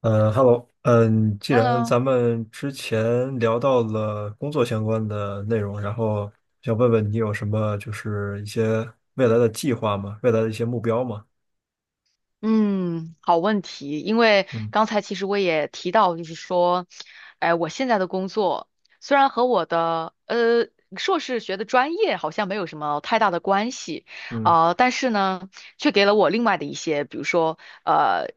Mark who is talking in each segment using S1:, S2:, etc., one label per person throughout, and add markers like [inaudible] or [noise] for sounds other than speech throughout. S1: 嗯，Hello，既然
S2: Hello，
S1: 咱们之前聊到了工作相关的内容，然后想问问你有什么就是一些未来的计划吗？未来的一些目标吗？
S2: 嗯，好问题，因为
S1: 嗯
S2: 刚才其实我也提到，就是说，哎，我现在的工作虽然和我的硕士学的专业好像没有什么太大的关系，
S1: 嗯
S2: 啊、但是呢，却给了我另外的一些，比如说，呃，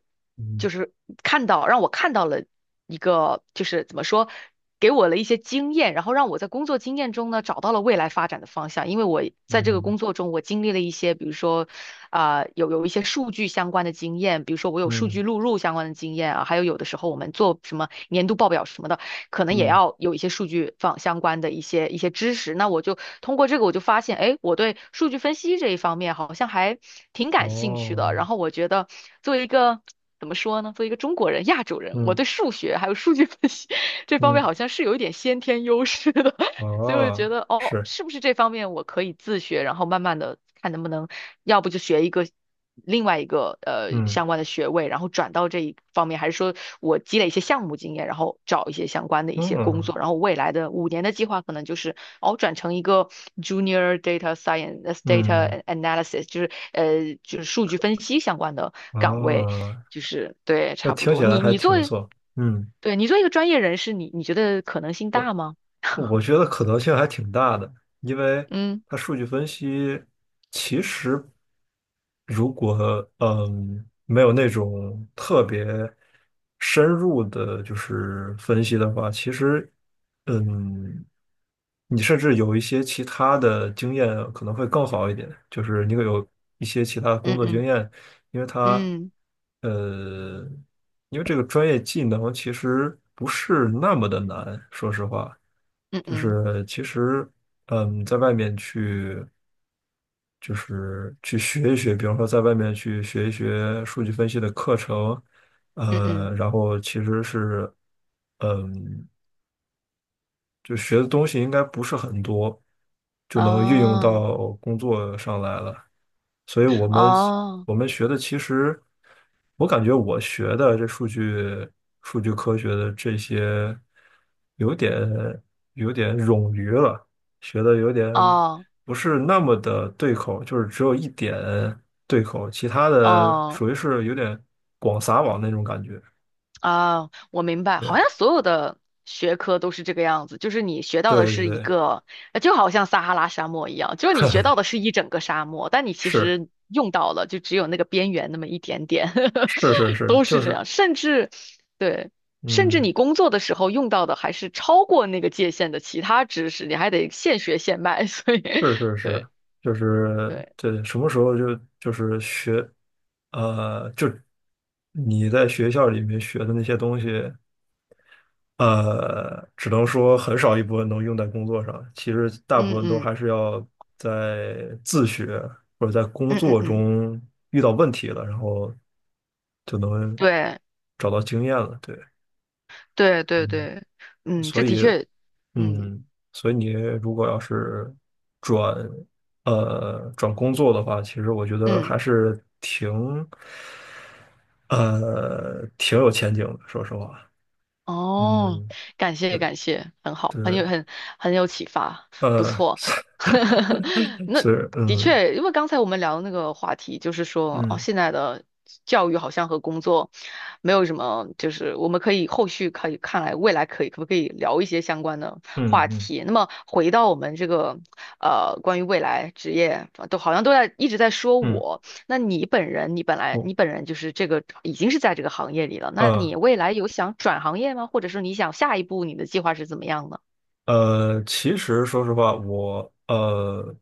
S2: 就
S1: 嗯
S2: 是让我看到了一个，就是怎么说，给我了一些经验，然后让我在工作经验中呢找到了未来发展的方向，因为我在这个
S1: 嗯
S2: 工作中，我经历了一些，比如说。啊、有一些数据相关的经验，比如说我有数据
S1: 嗯
S2: 录入相关的经验啊，还有有的时候我们做什么年度报表什么的，可能也
S1: 嗯，
S2: 要有一些数据方相关的一些知识。那我就通过这个，我就发现，哎，我对数据分析这一方面好像还挺感兴趣的。
S1: 哦，
S2: 然后我觉得作为一个作为一个中国人、亚洲人，我
S1: 嗯
S2: 对数学还有数据分析 [laughs] 这方面
S1: 嗯
S2: 好像是有一点先天优势的。所以我就觉
S1: 哦，
S2: 得，哦，
S1: 是，
S2: 是不是这方面我可以自学，然后慢慢的看能不能，要不就学一个另外一个
S1: 嗯
S2: 相关的学位，然后转到这一方面，还是说我积累一些项目经验，然后找一些相关的一些工
S1: 嗯
S2: 作，然后未来的5年的计划可能就是，哦，转成一个 junior data science
S1: 嗯
S2: data analysis，就是数据分析相关的岗位，
S1: 哦，
S2: 就是对，
S1: 那
S2: 差不
S1: 听起
S2: 多。
S1: 来
S2: 你
S1: 还
S2: 你作
S1: 挺不
S2: 为，
S1: 错。嗯，
S2: 对，你作为一个专业人士，你觉得可能性
S1: 我
S2: 大吗？
S1: 我觉得可能性还挺大的，因为
S2: 嗯
S1: 它数据分析其实如果没有那种特别深入的，就是分析的话，其实嗯你甚至有一些其他的经验可能会更好一点，就是你有一些其他的工
S2: 嗯
S1: 作经
S2: 嗯。
S1: 验，因为它
S2: 嗯
S1: 呃，因为这个专业技能其实不是那么的难，说实话，
S2: 嗯
S1: 就
S2: 嗯
S1: 是其实在外面去就是去学一学，比方说在外面去学一学数据分析的课程，
S2: 嗯嗯。
S1: 然后其实是嗯，就学的东西应该不是很多，就能运用
S2: 哦
S1: 到工作上来了。所以我们
S2: 哦
S1: 我们学的其实，我感觉我学的这数据科学的这些，有点有点冗余了，学的有点
S2: 哦
S1: 不是那么的对口，就是只有一点对口，其他的
S2: 哦
S1: 属于是有点广撒网那种感觉。
S2: 哦。我明白，好
S1: 对
S2: 像所有的学科都是这个样子，就是你学到的
S1: 对
S2: 是一
S1: 对，
S2: 个，就好像撒哈拉沙漠一样，就是你学到的是一整个沙漠，但你其
S1: 是
S2: 实用到了就只有那个边缘那么一点点，
S1: 是是
S2: [laughs]
S1: 是，
S2: 都
S1: 就
S2: 是这样，
S1: 是
S2: 甚至对。甚至
S1: 嗯。
S2: 你工作的时候用到的还是超过那个界限的其他知识，你还得现学现卖，所以
S1: 是是
S2: [laughs]，对
S1: 是，就是
S2: 对。
S1: 对，什么时候就是学，就你在学校里面学的那些东西，只能说很少一部分能用在工作上，其实大部
S2: 嗯
S1: 分都
S2: 嗯。
S1: 还是要在自学或者在工
S2: 嗯嗯
S1: 作
S2: 嗯。
S1: 中遇到问题了，然后就能
S2: 对
S1: 找到经验了。对，
S2: 对对
S1: 嗯。
S2: 对。嗯，这
S1: 所
S2: 的
S1: 以，
S2: 确。嗯
S1: 嗯，所以你如果要是转转工作的话，其实我觉得
S2: 嗯。
S1: 还是挺有前景的，说实话，
S2: 哦。
S1: 嗯，
S2: 感谢
S1: 对
S2: 感谢，很好，很
S1: 对，
S2: 有很很有启发，不错。
S1: [laughs] 是
S2: [laughs] 那
S1: 是
S2: 的
S1: 嗯
S2: 确，因为刚才我们聊的那个话题，就是说，哦，
S1: 嗯
S2: 现在的教育好像和工作没有什么，就是我们可以后续可以看来未来可以可不可以聊一些相关的
S1: 嗯
S2: 话
S1: 嗯
S2: 题。那么回到我们这个关于未来职业，都好像都在一直在说
S1: 嗯，
S2: 我。那你本人，你本来
S1: 我
S2: 你本人就是这个已经是在这个行业里了，那
S1: 呃
S2: 你未来有想转行业吗？或者说你想下一步你的计划是怎么样的？
S1: 其实说实话，我呃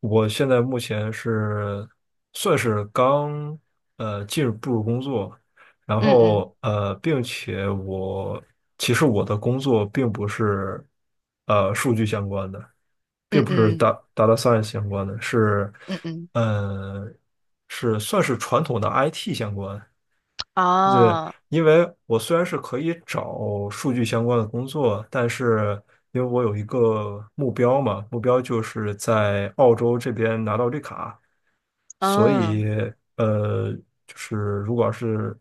S1: 我现在目前是算是刚进入步入工作。然
S2: 嗯嗯
S1: 后并且我其实我的工作并不是数据相关的，并
S2: 嗯
S1: 不是 d
S2: 嗯
S1: a t data science 相关的，
S2: 嗯嗯。
S1: 呃是算是传统的 IT 相关。对，
S2: 啊。
S1: 因为我虽然是可以找数据相关的工作，但是因为我有一个目标嘛，目标就是在澳洲这边拿到绿卡，所
S2: 嗯。
S1: 以呃，就是如果要是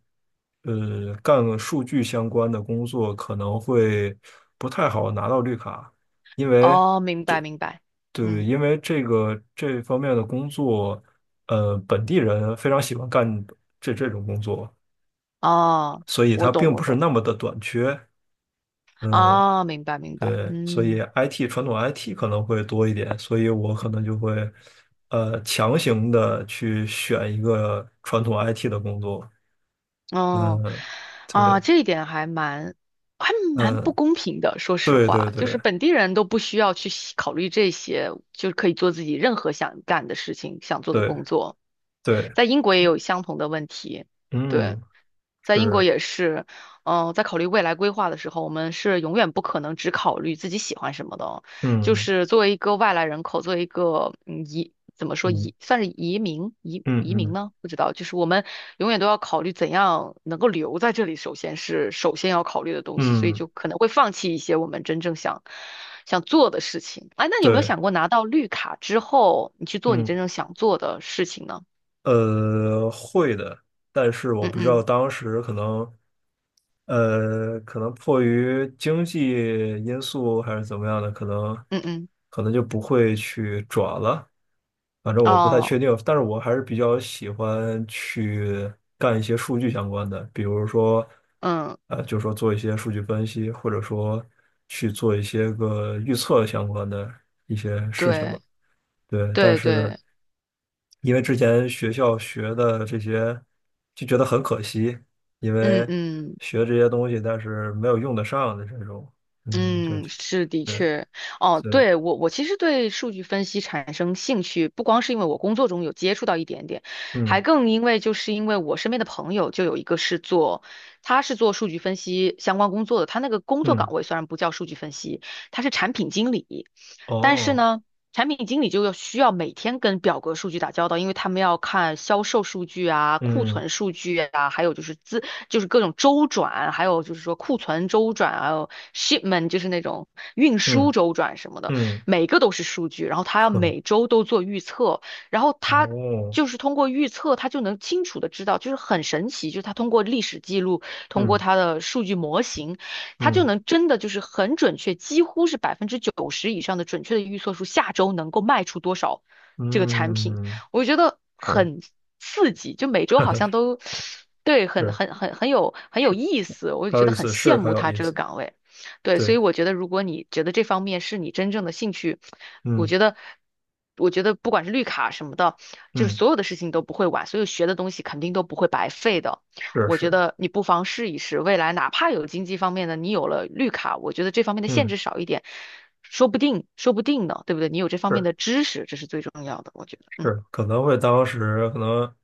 S1: 干数据相关的工作，可能会不太好拿到绿卡，因为
S2: 哦。明白明白，
S1: 对，
S2: 嗯。
S1: 因为这个这方面的工作，本地人非常喜欢干这种工作，
S2: 哦，
S1: 所以
S2: 我
S1: 它
S2: 懂
S1: 并不
S2: 我
S1: 是
S2: 懂。
S1: 那么的短缺，嗯。
S2: 啊，明白明白。
S1: 对，所以
S2: 嗯。
S1: IT 传统 IT 可能会多一点，所以我可能就会，强行的去选一个传统 IT 的工作。
S2: 哦。
S1: 嗯，
S2: 啊，
S1: 对，
S2: 这一点还蛮不
S1: 嗯，
S2: 公平的。说实
S1: 对对
S2: 话，就是
S1: 对
S2: 本地人都不需要去细考虑这些，就可以做自己任何想干的事情、想做的
S1: 对
S2: 工作。
S1: 对，
S2: 在英国也有相同的问题，对。
S1: 嗯，
S2: 在英国
S1: 是，
S2: 也是。在考虑未来规划的时候，我们是永远不可能只考虑自己喜欢什么的哦。就
S1: 嗯
S2: 是作为一个外来人口，作为一个移，怎么说
S1: 嗯
S2: 移，算是移民移
S1: 嗯
S2: 移民
S1: 嗯
S2: 呢？不知道，就是我们永远都要考虑怎样能够留在这里，首先是首先要考虑的东西，所以
S1: 嗯，
S2: 就可能会放弃一些我们真正想做的事情。哎，那你有没有
S1: 对，
S2: 想过拿到绿卡之后，你去做你
S1: 嗯。
S2: 真正想做的事情呢？
S1: 会的，但是我
S2: 嗯
S1: 不知道
S2: 嗯
S1: 当时可能，可能迫于经济因素还是怎么样的，可能
S2: 嗯嗯。
S1: 可能就不会去转了。反正我不太
S2: 哦。
S1: 确定，但是我还是比较喜欢去干一些数据相关的，比如说，
S2: 嗯。
S1: 就说做一些数据分析，或者说去做一些个预测相关的一些事情吧。
S2: 对。
S1: 对，但
S2: 对对。
S1: 是因为之前学校学的这些，就觉得很可惜，因
S2: 嗯
S1: 为
S2: 嗯
S1: 学这些东西，但是没有用得上的这种，就
S2: 嗯。
S1: 就
S2: 是的
S1: 对，
S2: 确。哦，
S1: 以，
S2: 对，我其实对数据分析产生兴趣，不光是因为我工作中有接触到一点点，还
S1: 嗯
S2: 更因为因为我身边的朋友就有一个是做，他是做数据分析相关工作的，他那个工作
S1: 嗯，
S2: 岗位虽然不叫数据分析，他是产品经理，但是
S1: 哦，
S2: 呢，产品经理需要每天跟表格数据打交道，因为他们要看销售数据啊、库
S1: 嗯
S2: 存数据啊，还有就是资，就是各种周转，还有就是说库存周转，还有 shipment，就是那种运输
S1: 嗯
S2: 周转什么的，
S1: 嗯，
S2: 每个都是数据。然后
S1: [laughs]
S2: 他要
S1: 哼，
S2: 每周都做预测，然后他。
S1: 哦，
S2: 就是通过预测，他就能清楚的知道，就是很神奇，就是他通过历史记录，通过
S1: 嗯
S2: 他的数据模型。他就
S1: 嗯
S2: 能真的就是很准确，几乎是90%以上的准确的预测出下周能够卖出多少这个产品，
S1: 嗯，
S2: 我觉得
S1: 是
S2: 很刺激，就每周好像
S1: [laughs]
S2: 都对，很
S1: 是
S2: 很很很有很有
S1: 是，
S2: 意思，我就
S1: 很
S2: 觉
S1: 有
S2: 得
S1: 意
S2: 很
S1: 思，
S2: 羡
S1: 是很
S2: 慕
S1: 有
S2: 他
S1: 意
S2: 这个
S1: 思，
S2: 岗位。对，
S1: 对，
S2: 所以我觉得，如果你觉得这方面是你真正的兴趣，我
S1: 嗯
S2: 觉得，我觉得不管是绿卡什么的，就是
S1: 嗯，
S2: 所有的事情都不会晚，所有学的东西肯定都不会白费的。
S1: 是
S2: 我觉
S1: 是，
S2: 得你不妨试一试，未来哪怕有经济方面的，你有了绿卡，我觉得这方面的限
S1: 嗯。
S2: 制少一点，说不定，说不定呢，对不对？你有这方面
S1: 是。
S2: 的知识，这是最重要的，我觉得。嗯
S1: 是，可能会当时可能，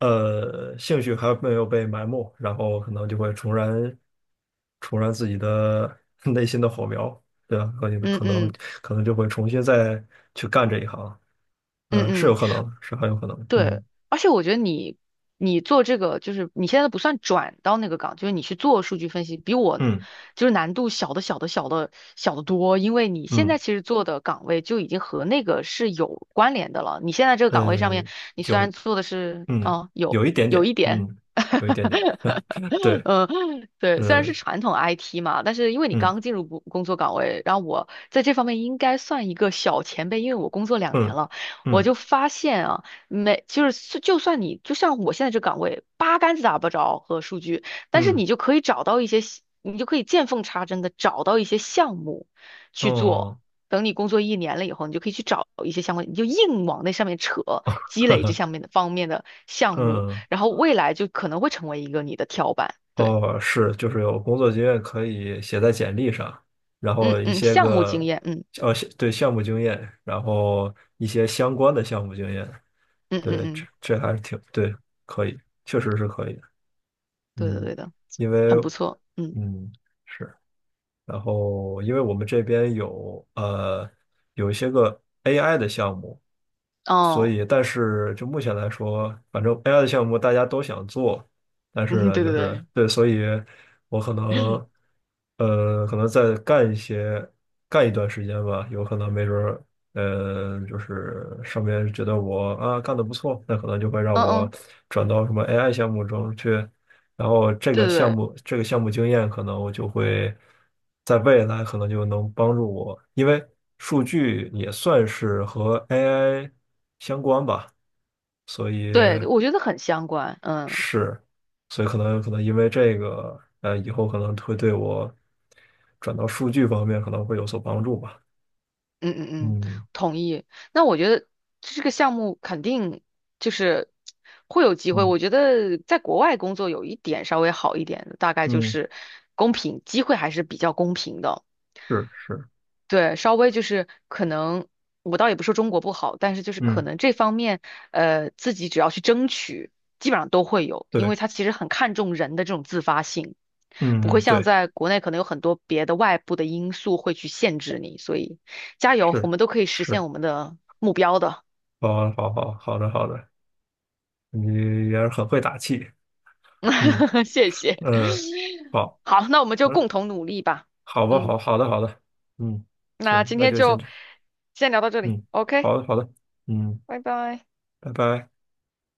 S1: 兴趣还没有被埋没，然后可能就会重燃，重燃自己的 [laughs] 内心的火苗，对吧？可能
S2: 嗯
S1: 可能
S2: 嗯
S1: 可能就会重新再去干这一行，
S2: 嗯
S1: 是有
S2: 嗯。
S1: 可能，是很有可能，
S2: 对，
S1: 嗯
S2: 而且我觉得你做这个，就是你现在不算转到那个岗，就是你去做数据分析，比我
S1: 嗯
S2: 就是难度小得多，因为你现在
S1: 嗯，
S2: 其实做的岗位就已经和那个是有关联的了。你现在这个岗位上面，
S1: 呃，
S2: 你虽
S1: 有，
S2: 然做的是，
S1: 嗯，
S2: 有
S1: 有一点
S2: 有
S1: 点，
S2: 一点。
S1: 嗯，有一点
S2: [laughs]
S1: 点，[laughs] 对，
S2: 嗯，对，虽然是
S1: 嗯
S2: 传统 IT 嘛，但是因为你
S1: 嗯
S2: 刚进入工作岗位，然后我在这方面应该算一个小前辈，因为我工作2年
S1: 嗯
S2: 了，我
S1: 嗯
S2: 就发现啊，没，就是就算你就像我现在这岗位，八竿子打不着和数据，但是
S1: 嗯，
S2: 你就可以找到一些你就可以见缝插针的找到一些项目去做。
S1: 哦，
S2: 等你工作1年了以后，你就可以去找一些相关，你就硬往那上面扯，积累
S1: [laughs]
S2: 这上面的方面的项目。
S1: 嗯。
S2: 然后未来就可能会成为一个你的跳板。对，
S1: 哦，是，就是有工作经验可以写在简历上，然
S2: 嗯
S1: 后一
S2: 嗯。
S1: 些
S2: 项目
S1: 个，
S2: 经验。嗯
S1: 呃，对项目经验，然后一些相关的项目经验，
S2: 嗯嗯
S1: 对，这
S2: 嗯。
S1: 这还是挺，对，可以，确实是可以的
S2: 对的
S1: 嗯，
S2: 对的，
S1: 因为，
S2: 很不错。嗯。
S1: 嗯，是，然后因为我们这边有一些个 AI 的项目，所
S2: 哦。
S1: 以，但是就目前来说，反正 AI 的项目大家都想做，但是
S2: 嗯，
S1: 呢，
S2: 对对
S1: 就是
S2: 对。
S1: 对，所以我可能再干一些，干一段时间吧，有可能没准儿，就是上面觉得我啊干得不错，那可能就会让
S2: 嗯
S1: 我
S2: 嗯，
S1: 转到什么 AI 项目中去，然后这
S2: 对
S1: 个
S2: 对
S1: 项
S2: 对。
S1: 目这个项目经验，可能我就会在未来可能就能帮助我，因为数据也算是和 AI 相关吧，所以
S2: 对，我觉得很相关。嗯
S1: 是，所以可能因为这个，以后可能会对我转到数据方面可能会有所帮助吧。
S2: 嗯嗯嗯。
S1: 嗯
S2: 同意。那我觉得这个项目肯定就是会有机会。
S1: 嗯
S2: 我觉得在国外工作有一点稍微好一点的，大概就
S1: 嗯，
S2: 是公平，机会还是比较公平的。
S1: 是是，
S2: 对，稍微就是可能，我倒也不说中国不好，但是就是可
S1: 嗯
S2: 能这方面，自己只要去争取，基本上都会有，因
S1: 对，
S2: 为他其实很看重人的这种自发性，不
S1: 嗯
S2: 会
S1: 嗯
S2: 像
S1: 对，
S2: 在国内可能有很多别的外部的因素会去限制你，所以加油，我
S1: 是
S2: 们都可以实现
S1: 是，
S2: 我们的目标的，
S1: 好啊好好好的好的，你也是很会打气，嗯。
S2: [laughs] 谢谢。
S1: 嗯，好，
S2: 好，那我们就
S1: 嗯，
S2: 共同努力吧。
S1: 好吧，好，
S2: 嗯，
S1: 好的，好的，嗯，
S2: 那
S1: 行，
S2: 今
S1: 那
S2: 天
S1: 就先
S2: 就
S1: 这样，
S2: 先聊到这里
S1: 嗯，
S2: ，OK，
S1: 好的，好的，嗯，
S2: 拜拜。
S1: 拜拜。